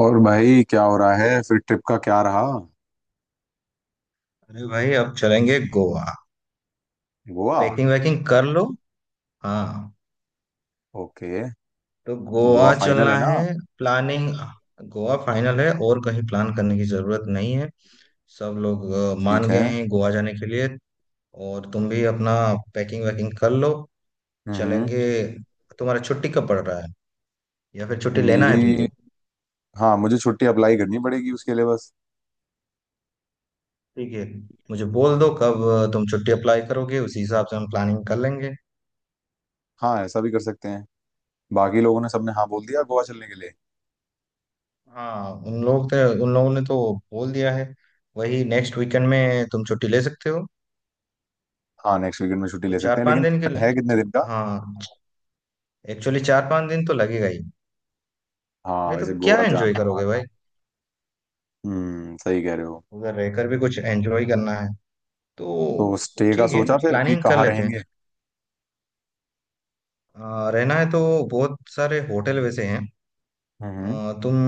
और भाई क्या हो रहा है? फिर ट्रिप का क्या रहा? अरे भाई, अब चलेंगे गोवा। गोवा? पैकिंग वैकिंग कर लो। हाँ, ओके। तो तो गोवा गोवा फाइनल चलना है ना? है। प्लानिंग। गोवा फाइनल है और कहीं प्लान करने की जरूरत नहीं है। सब लोग ठीक मान है। गए हैं गोवा जाने के लिए। और तुम भी अपना पैकिंग वैकिंग कर लो। हम्म। चलेंगे। तुम्हारा छुट्टी कब पड़ रहा है, या फिर छुट्टी लेना है मेरी... तुमको? हाँ, मुझे छुट्टी अप्लाई करनी पड़ेगी उसके लिए बस। ठीक है, मुझे बोल दो कब तुम छुट्टी अप्लाई करोगे, उसी हिसाब से हम प्लानिंग कर लेंगे। हाँ, ऐसा भी कर सकते हैं। बाकी लोगों ने सबने हाँ बोल दिया गोवा चलने के लिए। हाँ, उन लोगों ने तो बोल दिया है। वही नेक्स्ट वीकेंड में तुम छुट्टी ले सकते हो। हाँ, नेक्स्ट वीकेंड में छुट्टी ले कुछ सकते चार हैं, पांच लेकिन दिन के लिए। plan है कितने दिन का? हाँ, एक्चुअली चार पांच दिन तो लगेगा ही। हाँ, नहीं तो वैसे क्या गोवा एंजॉय जाना करोगे आना। भाई? हम्म, सही कह रहे हो। उधर रहकर भी कुछ एंजॉय करना है तो तो। स्टे का ठीक है, सोचा फिर कि प्लानिंग कर कहाँ लेते हैं। रहेंगे? रहना है तो बहुत सारे होटल वैसे हैं। हम्म। तुम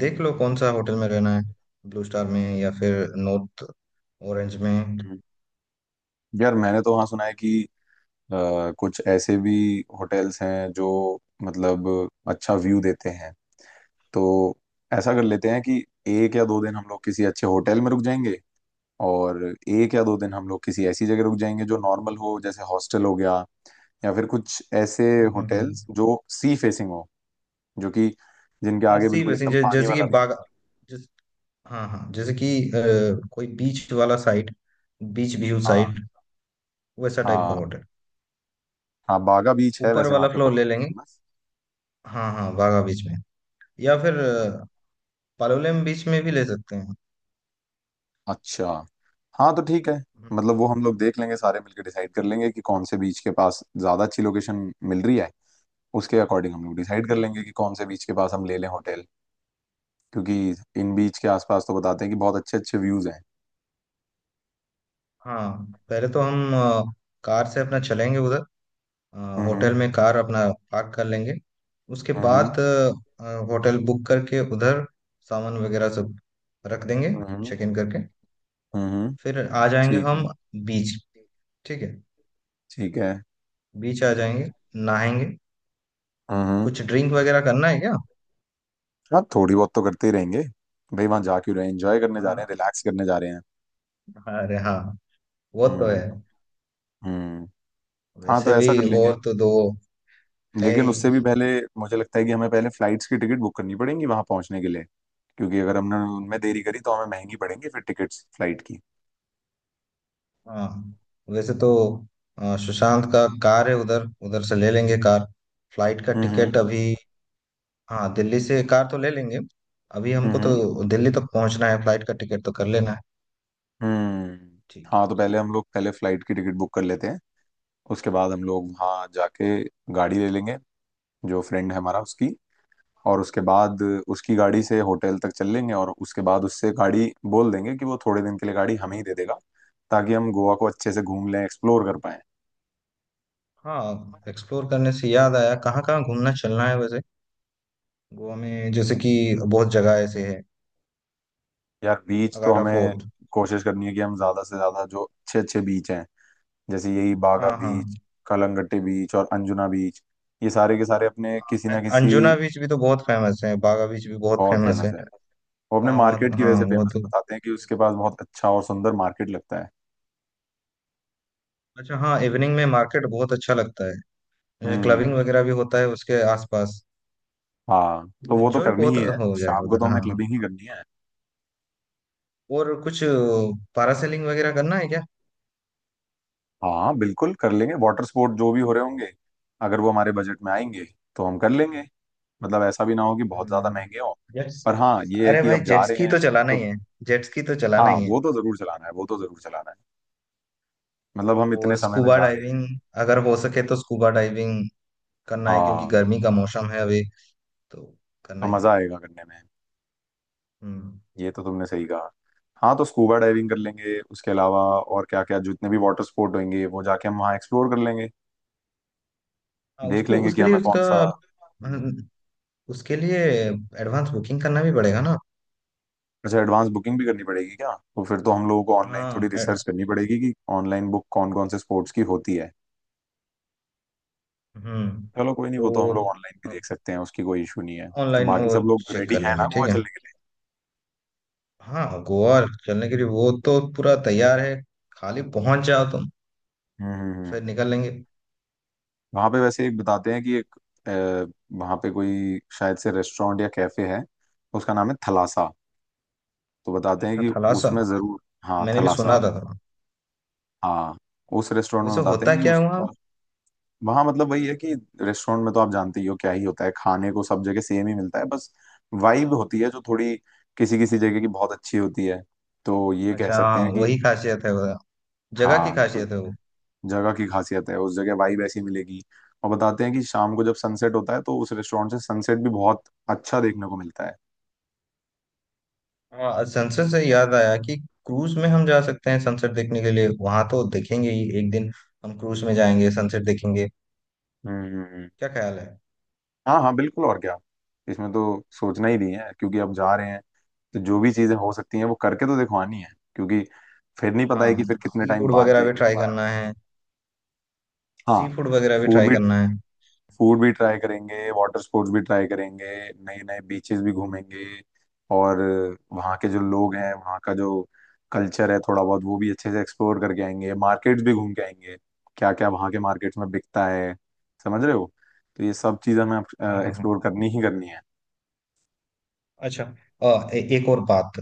देख लो कौन सा होटल में रहना है। ब्लू स्टार में या फिर नॉर्थ ऑरेंज में। हम्म। यार, मैंने तो वहाँ सुना है कि कुछ ऐसे भी होटल्स हैं जो मतलब अच्छा व्यू देते हैं। तो ऐसा कर लेते हैं कि एक या दो दिन हम लोग किसी अच्छे होटल में रुक जाएंगे, और एक या दो दिन हम लोग किसी ऐसी जगह रुक जाएंगे जो नॉर्मल हो, जैसे हॉस्टल हो गया, या फिर कुछ ऐसे हम्म हम्म हम्म। होटल्स जो सी फेसिंग हो, जो कि जिनके हाँ, आगे सी बिल्कुल वैसे एकदम पानी जैसे कि वाला व्यू। बागा। हाँ हाँ, जैसे कि कोई बीच वाला साइड, बीच व्यू हाँ साइड, वैसा टाइप का हाँ। होटल। हाँ, बागा बीच है ऊपर वैसे, वहाँ वाला पे फ्लोर ले बहुत लेंगे। फेमस। हाँ हाँ, बागा बीच में या फिर पालोलेम बीच में भी ले सकते हैं। अच्छा। हाँ तो ठीक है। हम्म। मतलब वो हम लोग देख लेंगे, सारे मिलकर डिसाइड कर लेंगे कि कौन से बीच के पास ज्यादा अच्छी लोकेशन मिल रही है। उसके अकॉर्डिंग हम लोग डिसाइड कर लेंगे कि कौन से बीच के पास हम ले लें होटल, क्योंकि इन बीच के आसपास तो बताते हैं कि बहुत अच्छे अच्छे व्यूज हैं। हाँ, पहले तो हम कार से अपना चलेंगे उधर। अ, हम्म। होटल में कार अपना पार्क कर लेंगे। उसके हम्म। बाद होटल बुक करके उधर सामान वगैरह सब रख देंगे। हम्म। चेक इन करके हम्म। फिर आ जाएंगे ठीक है। हम बीच। ठीक है। ठीक है। बीच आ जाएंगे, नहाएंगे। हम्म। हम्म। कुछ ड्रिंक वगैरह करना है क्या? हाँ, थोड़ी बहुत तो करते ही रहेंगे। भाई, वहां जा क्यों रहे हैं? एंजॉय करने जा रहे हैं, हाँ, रिलैक्स करने जा रहे हैं। अरे हाँ, वो तो है हम्म। हम्म। हाँ, वैसे तो भी। ऐसा कर लेंगे। और तो दो है लेकिन ही। उससे भी पहले मुझे लगता है कि हमें पहले फ्लाइट्स की टिकट बुक करनी पड़ेंगी वहां पहुंचने के लिए, क्योंकि अगर हमने उनमें देरी करी तो हमें महंगी पड़ेंगी फिर टिकट्स फ्लाइट की। हाँ, वैसे तो सुशांत का कार है उधर, उधर से ले लेंगे कार। फ्लाइट का हम्म। हम्म। टिकट अभी। हाँ, दिल्ली से कार तो ले लेंगे। अभी हमको हम्म। तो दिल्ली तक पहुंचना है, फ्लाइट का टिकट तो कर लेना है। हम्म। ठीक है। हाँ, तो पहले हम लोग पहले फ्लाइट की टिकट बुक कर लेते हैं, उसके बाद हम लोग वहाँ जाके गाड़ी ले लेंगे, जो फ्रेंड है हमारा उसकी। और उसके बाद उसकी गाड़ी से होटल तक चल लेंगे, और उसके बाद उससे गाड़ी बोल देंगे कि वो थोड़े दिन के लिए गाड़ी हमें ही दे देगा, ताकि हम गोवा को अच्छे से घूम लें, एक्सप्लोर कर पाए। हाँ, एक्सप्लोर करने से याद आया, कहाँ कहाँ घूमना चलना है वैसे गोवा में? जैसे कि बहुत जगह ऐसे है। यार, बीच तो अगाटा हमें फोर्ट। कोशिश करनी है कि हम ज्यादा से ज्यादा जो अच्छे अच्छे बीच हैं, जैसे यही बागा हाँ हाँ। बीच, कलंगट्टे बीच और अंजुना बीच, ये सारे के सारे अपने किसी ना किसी अंजुना बीच भी तो बहुत फेमस है, बागा बीच भी बहुत बहुत फेमस फेमस है। है वो अपने वहाँ मार्केट वहाँ, की वजह हाँ से वो फेमस, तो। बताते हैं कि उसके पास बहुत अच्छा और सुंदर मार्केट लगता है। अच्छा हाँ, इवनिंग में मार्केट बहुत अच्छा लगता है। क्लबिंग हम्म। वगैरह भी होता है उसके आसपास। हाँ, तो वो तो एंजॉय करनी बहुत ही है, हो जाएगा शाम को उधर। तो हाँ हमें क्लबिंग ही हाँ। करनी है। और कुछ पैरासेलिंग वगैरह करना है क्या? हाँ, बिल्कुल कर लेंगे, वाटर स्पोर्ट जो भी हो रहे होंगे अगर वो हमारे बजट में आएंगे तो हम कर लेंगे। मतलब ऐसा भी ना हो कि बहुत ज्यादा हम्म। महंगे हो। जेट्स पर हाँ, ये है अरे कि भाई, अब जा जेट रहे स्की हैं तो चलाना तो। ही है। जेट स्की तो चलाना हाँ, ही है। वो तो जरूर चलाना है, वो तो जरूर चलाना है। मतलब हम इतने और समय में स्कूबा जा रहे हैं। डाइविंग, अगर हो सके तो स्कूबा डाइविंग करना है, क्योंकि हाँ, गर्मी का मौसम है अभी। तो करना तो ही मजा है। आएगा करने में। हम्म। ये तो तुमने सही कहा। हाँ, तो स्कूबा डाइविंग कर लेंगे, उसके अलावा और क्या क्या जितने भी वाटर स्पोर्ट होंगे वो जाके हम वहाँ एक्सप्लोर कर लेंगे। हाँ देख उसको लेंगे कि उसके लिए हमें कौन उसका सा। हम्म। हम्म। उसके लिए एडवांस बुकिंग करना भी पड़ेगा ना। अच्छा, एडवांस बुकिंग भी करनी पड़ेगी क्या? तो फिर तो हम लोगों को ऑनलाइन हाँ थोड़ी ए- रिसर्च करनी पड़ेगी कि ऑनलाइन बुक कौन कौन से स्पोर्ट्स की होती है। हम्म। चलो, कोई नहीं, तो वो तो हम लोग ऑनलाइन भी देख सकते हैं, उसकी कोई इशू नहीं है। तो ऑनलाइन बाकी वो सब लोग चेक रेडी कर हैं ना लेंगे, गोवा ठीक है। चलने के लिए? हाँ, गोवा चलने के लिए वो तो पूरा तैयार है। खाली पहुंच जाओ तुम, हम्म। हम्म। हम्म। फिर निकल लेंगे। वहां पे वैसे एक बताते हैं कि एक अ, वहां पे कोई शायद से रेस्टोरेंट या कैफे है, उसका नाम है थलासा। तो बताते हैं अच्छा, कि थलासा उसमें जरूर... हाँ, मैंने भी थलासा सुना मैंने... था थोड़ा। हाँ, उस रेस्टोरेंट में वैसे बताते हैं होता कि क्या है वहाँ? उसका... वहाँ मतलब वही है कि रेस्टोरेंट में तो आप जानते ही हो क्या ही होता है, खाने को सब जगह सेम ही मिलता है, बस वाइब होती है जो थोड़ी किसी किसी जगह की बहुत अच्छी होती है, तो ये कह अच्छा सकते हाँ, हैं कि... वही खासियत है वो, जगह की हाँ, तो खासियत है वो। जगह की खासियत है, उस जगह वाइब ऐसी मिलेगी। और बताते हैं कि शाम को जब सनसेट होता है तो उस रेस्टोरेंट से सनसेट भी बहुत अच्छा देखने को मिलता है। हाँ, सनसेट से याद आया कि क्रूज में हम जा सकते हैं सनसेट देखने के लिए, वहां तो देखेंगे ही एक दिन। हम क्रूज में जाएंगे, सनसेट देखेंगे। हम्म। क्या ख्याल है? हाँ हाँ, बिल्कुल और क्या। इसमें तो सोचना ही नहीं है, क्योंकि अब जा रहे हैं, तो जो भी चीजें हो सकती हैं वो करके तो दिखवानी है, क्योंकि फिर नहीं पता हाँ, है कि फिर कितने सी टाइम फूड बाद वगैरह भी जाएंगे ट्राई दोबारा। करना है। हाँ। सी फूड वगैरह भी फूड ट्राई भी, करना है। फूड भी ट्राई करेंगे, वाटर स्पोर्ट्स भी ट्राई करेंगे, नए नए बीचेस भी घूमेंगे। और वहाँ के जो लोग हैं, वहाँ का जो कल्चर है, थोड़ा बहुत वो भी अच्छे से एक्सप्लोर करके आएंगे, मार्केट्स भी घूम के आएंगे। क्या क्या वहाँ के मार्केट्स में बिकता है, समझ रहे हो? तो ये सब चीज़ हमें हाँ हाँ हाँ। एक्सप्लोर करनी ही करनी है। अच्छा, एक और बात।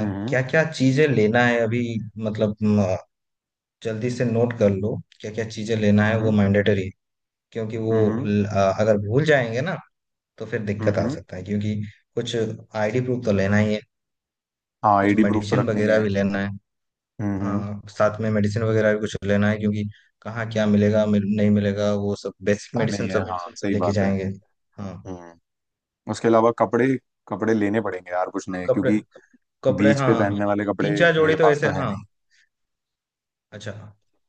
हम्म। क्या क्या चीजें लेना है अभी? मतलब जल्दी से नोट कर लो, क्या क्या चीजें लेना है वो हम्म। मैंडेटरी है। क्योंकि वो हम्म। अगर भूल जाएंगे ना, तो फिर दिक्कत आ हम्म। सकता है। क्योंकि कुछ आईडी प्रूफ तो लेना ही है। हाँ, कुछ आईडी प्रूफ तो मेडिसिन रखनी वगैरह है। भी लेना है। हम्म। हाँ, साथ में मेडिसिन वगैरह भी कुछ लेना है, क्योंकि कहाँ क्या मिलेगा नहीं मिलेगा, वो सब बेसिक पता नहीं मेडिसिन है, सब हाँ सही लेके बात है। जाएंगे। हाँ। हम्म। उसके अलावा कपड़े... कपड़े लेने पड़ेंगे यार कुछ हाँ, नए, कपड़े, क्योंकि कपड़े, बीच पे तो पहनने हाँ। वाले कपड़े तीन चार जोड़ी मेरे तो पास ऐसे तो है हाँ। नहीं। अच्छा।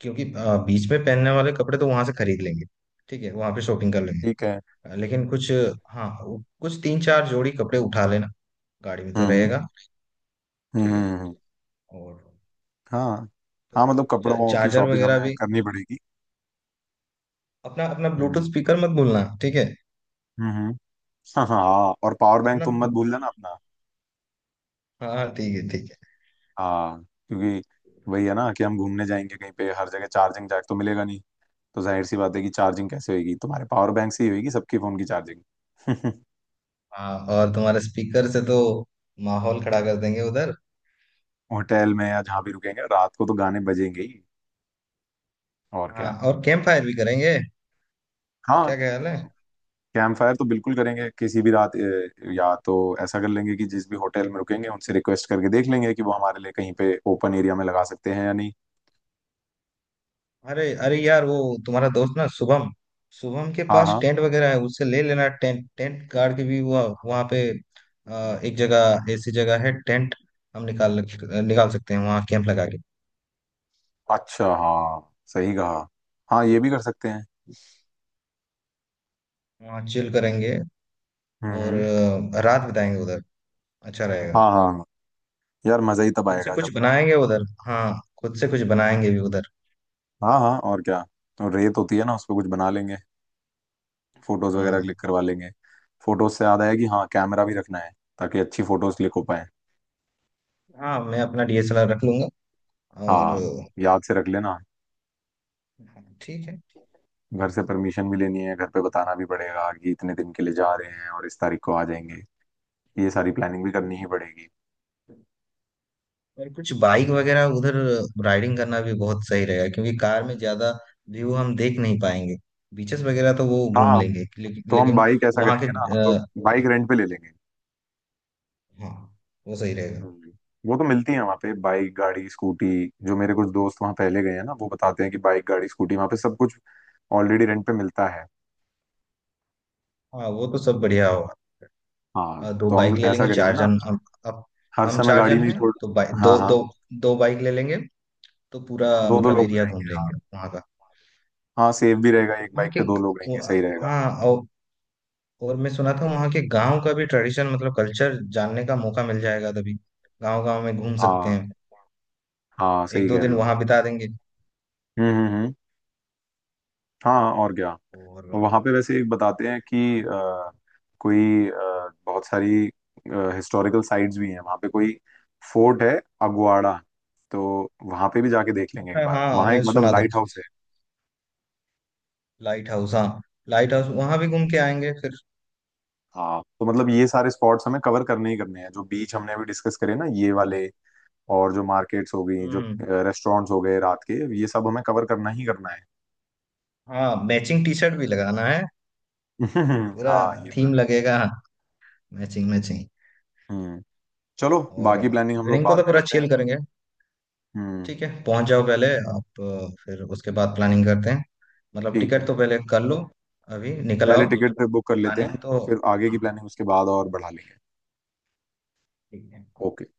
क्योंकि बीच में पहनने वाले कपड़े तो वहां से खरीद लेंगे। ठीक है, वहां पे शॉपिंग कर लेंगे। ठीक है। लेकिन कुछ, हाँ, कुछ तीन चार जोड़ी कपड़े उठा लेना, गाड़ी में तो हम्म। रहेगा। ठीक है। हम्म। और हाँ। हाँ, मतलब कपड़ों की चार्जर शॉपिंग वगैरह हमें भी, करनी पड़ेगी। अपना अपना ब्लूटूथ हम्म। स्पीकर मत भूलना, ठीक है। हम्म। हाँ हाँ हाँ, और पावर बैंक अपना, तुम मत भूल जाना अपना। हाँ ठीक है ठीक है। हाँ। क्योंकि वही है ना कि हम घूमने जाएंगे कहीं पे, हर जगह चार्जिंग जैक तो मिलेगा नहीं, तो जाहिर सी बात है कि चार्जिंग कैसे होगी? तुम्हारे पावर बैंक से ही होगी सबके फोन की चार्जिंग। हाँ, और तुम्हारे स्पीकर से तो माहौल खड़ा कर देंगे उधर। होटल में या जहाँ भी रुकेंगे रात को तो गाने बजेंगे ही। और हाँ, क्या। और कैंप फायर भी करेंगे। हाँ। क्या ख्याल है? कैंप फायर तो बिल्कुल करेंगे किसी भी रात, या तो ऐसा कर लेंगे कि जिस भी होटल में रुकेंगे उनसे रिक्वेस्ट करके देख लेंगे कि वो हमारे लिए कहीं पे ओपन एरिया में लगा सकते हैं या नहीं। अरे अरे यार, वो तुम्हारा दोस्त ना शुभम, शुभम के हाँ पास हाँ। टेंट वगैरह है, उससे ले लेना। टेंट टेंट गाड़ के भी हुआ वहाँ पे। एक जगह, ऐसी जगह है टेंट हम निकाल निकाल सकते हैं, वहाँ कैंप लगा के। अच्छा, हाँ सही कहा। हाँ, ये भी कर सकते हैं। वहाँ चिल करेंगे हम्म। और हम्म। रात बिताएंगे उधर। अच्छा रहेगा। हाँ हाँ हाँ। यार, मजा ही तब खुद से आएगा कुछ जब... बनाएंगे उधर, हाँ खुद से कुछ बनाएंगे भी उधर। हाँ हाँ, और क्या। तो रेत होती है ना उस पर कुछ बना लेंगे, फोटोज वगैरह हाँ। क्लिक करवा लेंगे। फोटोज से याद आया कि हाँ, कैमरा भी रखना है, ताकि अच्छी फोटोज क्लिक हो पाए। हाँ, मैं अपना डीएसएलआर रख लूंगा। और हाँ, याद से रख लेना। हाँ, ठीक है। घर से परमिशन भी लेनी है, घर पे बताना भी पड़ेगा कि इतने दिन के लिए जा रहे हैं और इस तारीख को आ जाएंगे। ये सारी प्लानिंग भी करनी ही पड़ेगी। और कुछ बाइक वगैरह उधर राइडिंग करना भी बहुत सही रहेगा, क्योंकि कार में ज्यादा व्यू हम देख नहीं पाएंगे। बीचेस वगैरह तो वो घूम हाँ, लेंगे तो हम लेकिन बाइक ऐसा वहाँ के करेंगे ना, हम लोग अ, बाइक रेंट पे ले लेंगे। हाँ, वो सही रहेगा। हम्म। वो तो मिलती है वहाँ पे बाइक गाड़ी स्कूटी, जो मेरे कुछ दोस्त वहाँ पहले गए हैं ना वो बताते हैं कि बाइक गाड़ी स्कूटी वहाँ पे सब कुछ ऑलरेडी रेंट पे मिलता है। हाँ, वो तो सब बढ़िया होगा। हाँ, दो तो हम बाइक ले ऐसा लेंगे, करेंगे चार ना, जन हम। अब हर हम समय चार गाड़ी जन में ही हैं तो बाइक थोड़ा। हाँ दो हाँ। दो, दो बाइक ले लेंगे, तो पूरा दो दो मतलब लोग हो एरिया घूम जाएंगे, हाँ। लेंगे वहाँ का। हाँ, सेफ भी रहेगा, एक वहाँ बाइक के पे दो लोग रहेंगे, वो- सही रहेगा। हाँ, और मैं सुना था वहाँ के गांव का भी ट्रेडिशन, मतलब कल्चर जानने का मौका मिल जाएगा तभी। गांव गांव में घूम सकते हाँ, हैं, हाँ एक सही दो कह दिन रहे वहां हो। बिता देंगे। हम्म। हम्म। हम्म। हाँ, और क्या। और वहां पे वैसे एक बताते हैं कि कोई बहुत सारी हिस्टोरिकल साइट्स भी हैं वहां पे, कोई फोर्ट है अगवाड़ा, तो वहां पे भी जाके देख लेंगे एक अच्छा बार, हाँ, वहां एक मैं मतलब सुना था, लाइट हाउस है। लाइट हाउस, हाँ लाइट हाउस वहां भी घूम के आएंगे फिर। हाँ, तो मतलब ये सारे स्पॉट्स हमें कवर करने ही करने हैं, जो बीच हमने अभी डिस्कस करे ना ये वाले, और जो मार्केट्स हो गई, हम्म जो हम्म। रेस्टोरेंट्स हो गए रात के, ये सब हमें कवर करना ही करना है। हाँ, मैचिंग टी शर्ट भी लगाना है, पूरा हाँ, ये तो थीम है। लगेगा, मैचिंग मैचिंग। हम्म। चलो, और बाकी प्लानिंग हम लोग इवनिंग को तो बाद में पूरा करते हैं। चिल करेंगे। हम्म। ठीक है, पहुंच जाओ पहले आप, फिर उसके बाद प्लानिंग करते हैं। मतलब ठीक है, टिकट तो पहले कर लो, अभी निकल पहले आओ। टिकट बुक कर लेते हैं, प्लानिंग तो, फिर आगे की हाँ प्लानिंग उसके बाद और बढ़ा लेंगे। ठीक है। ओके।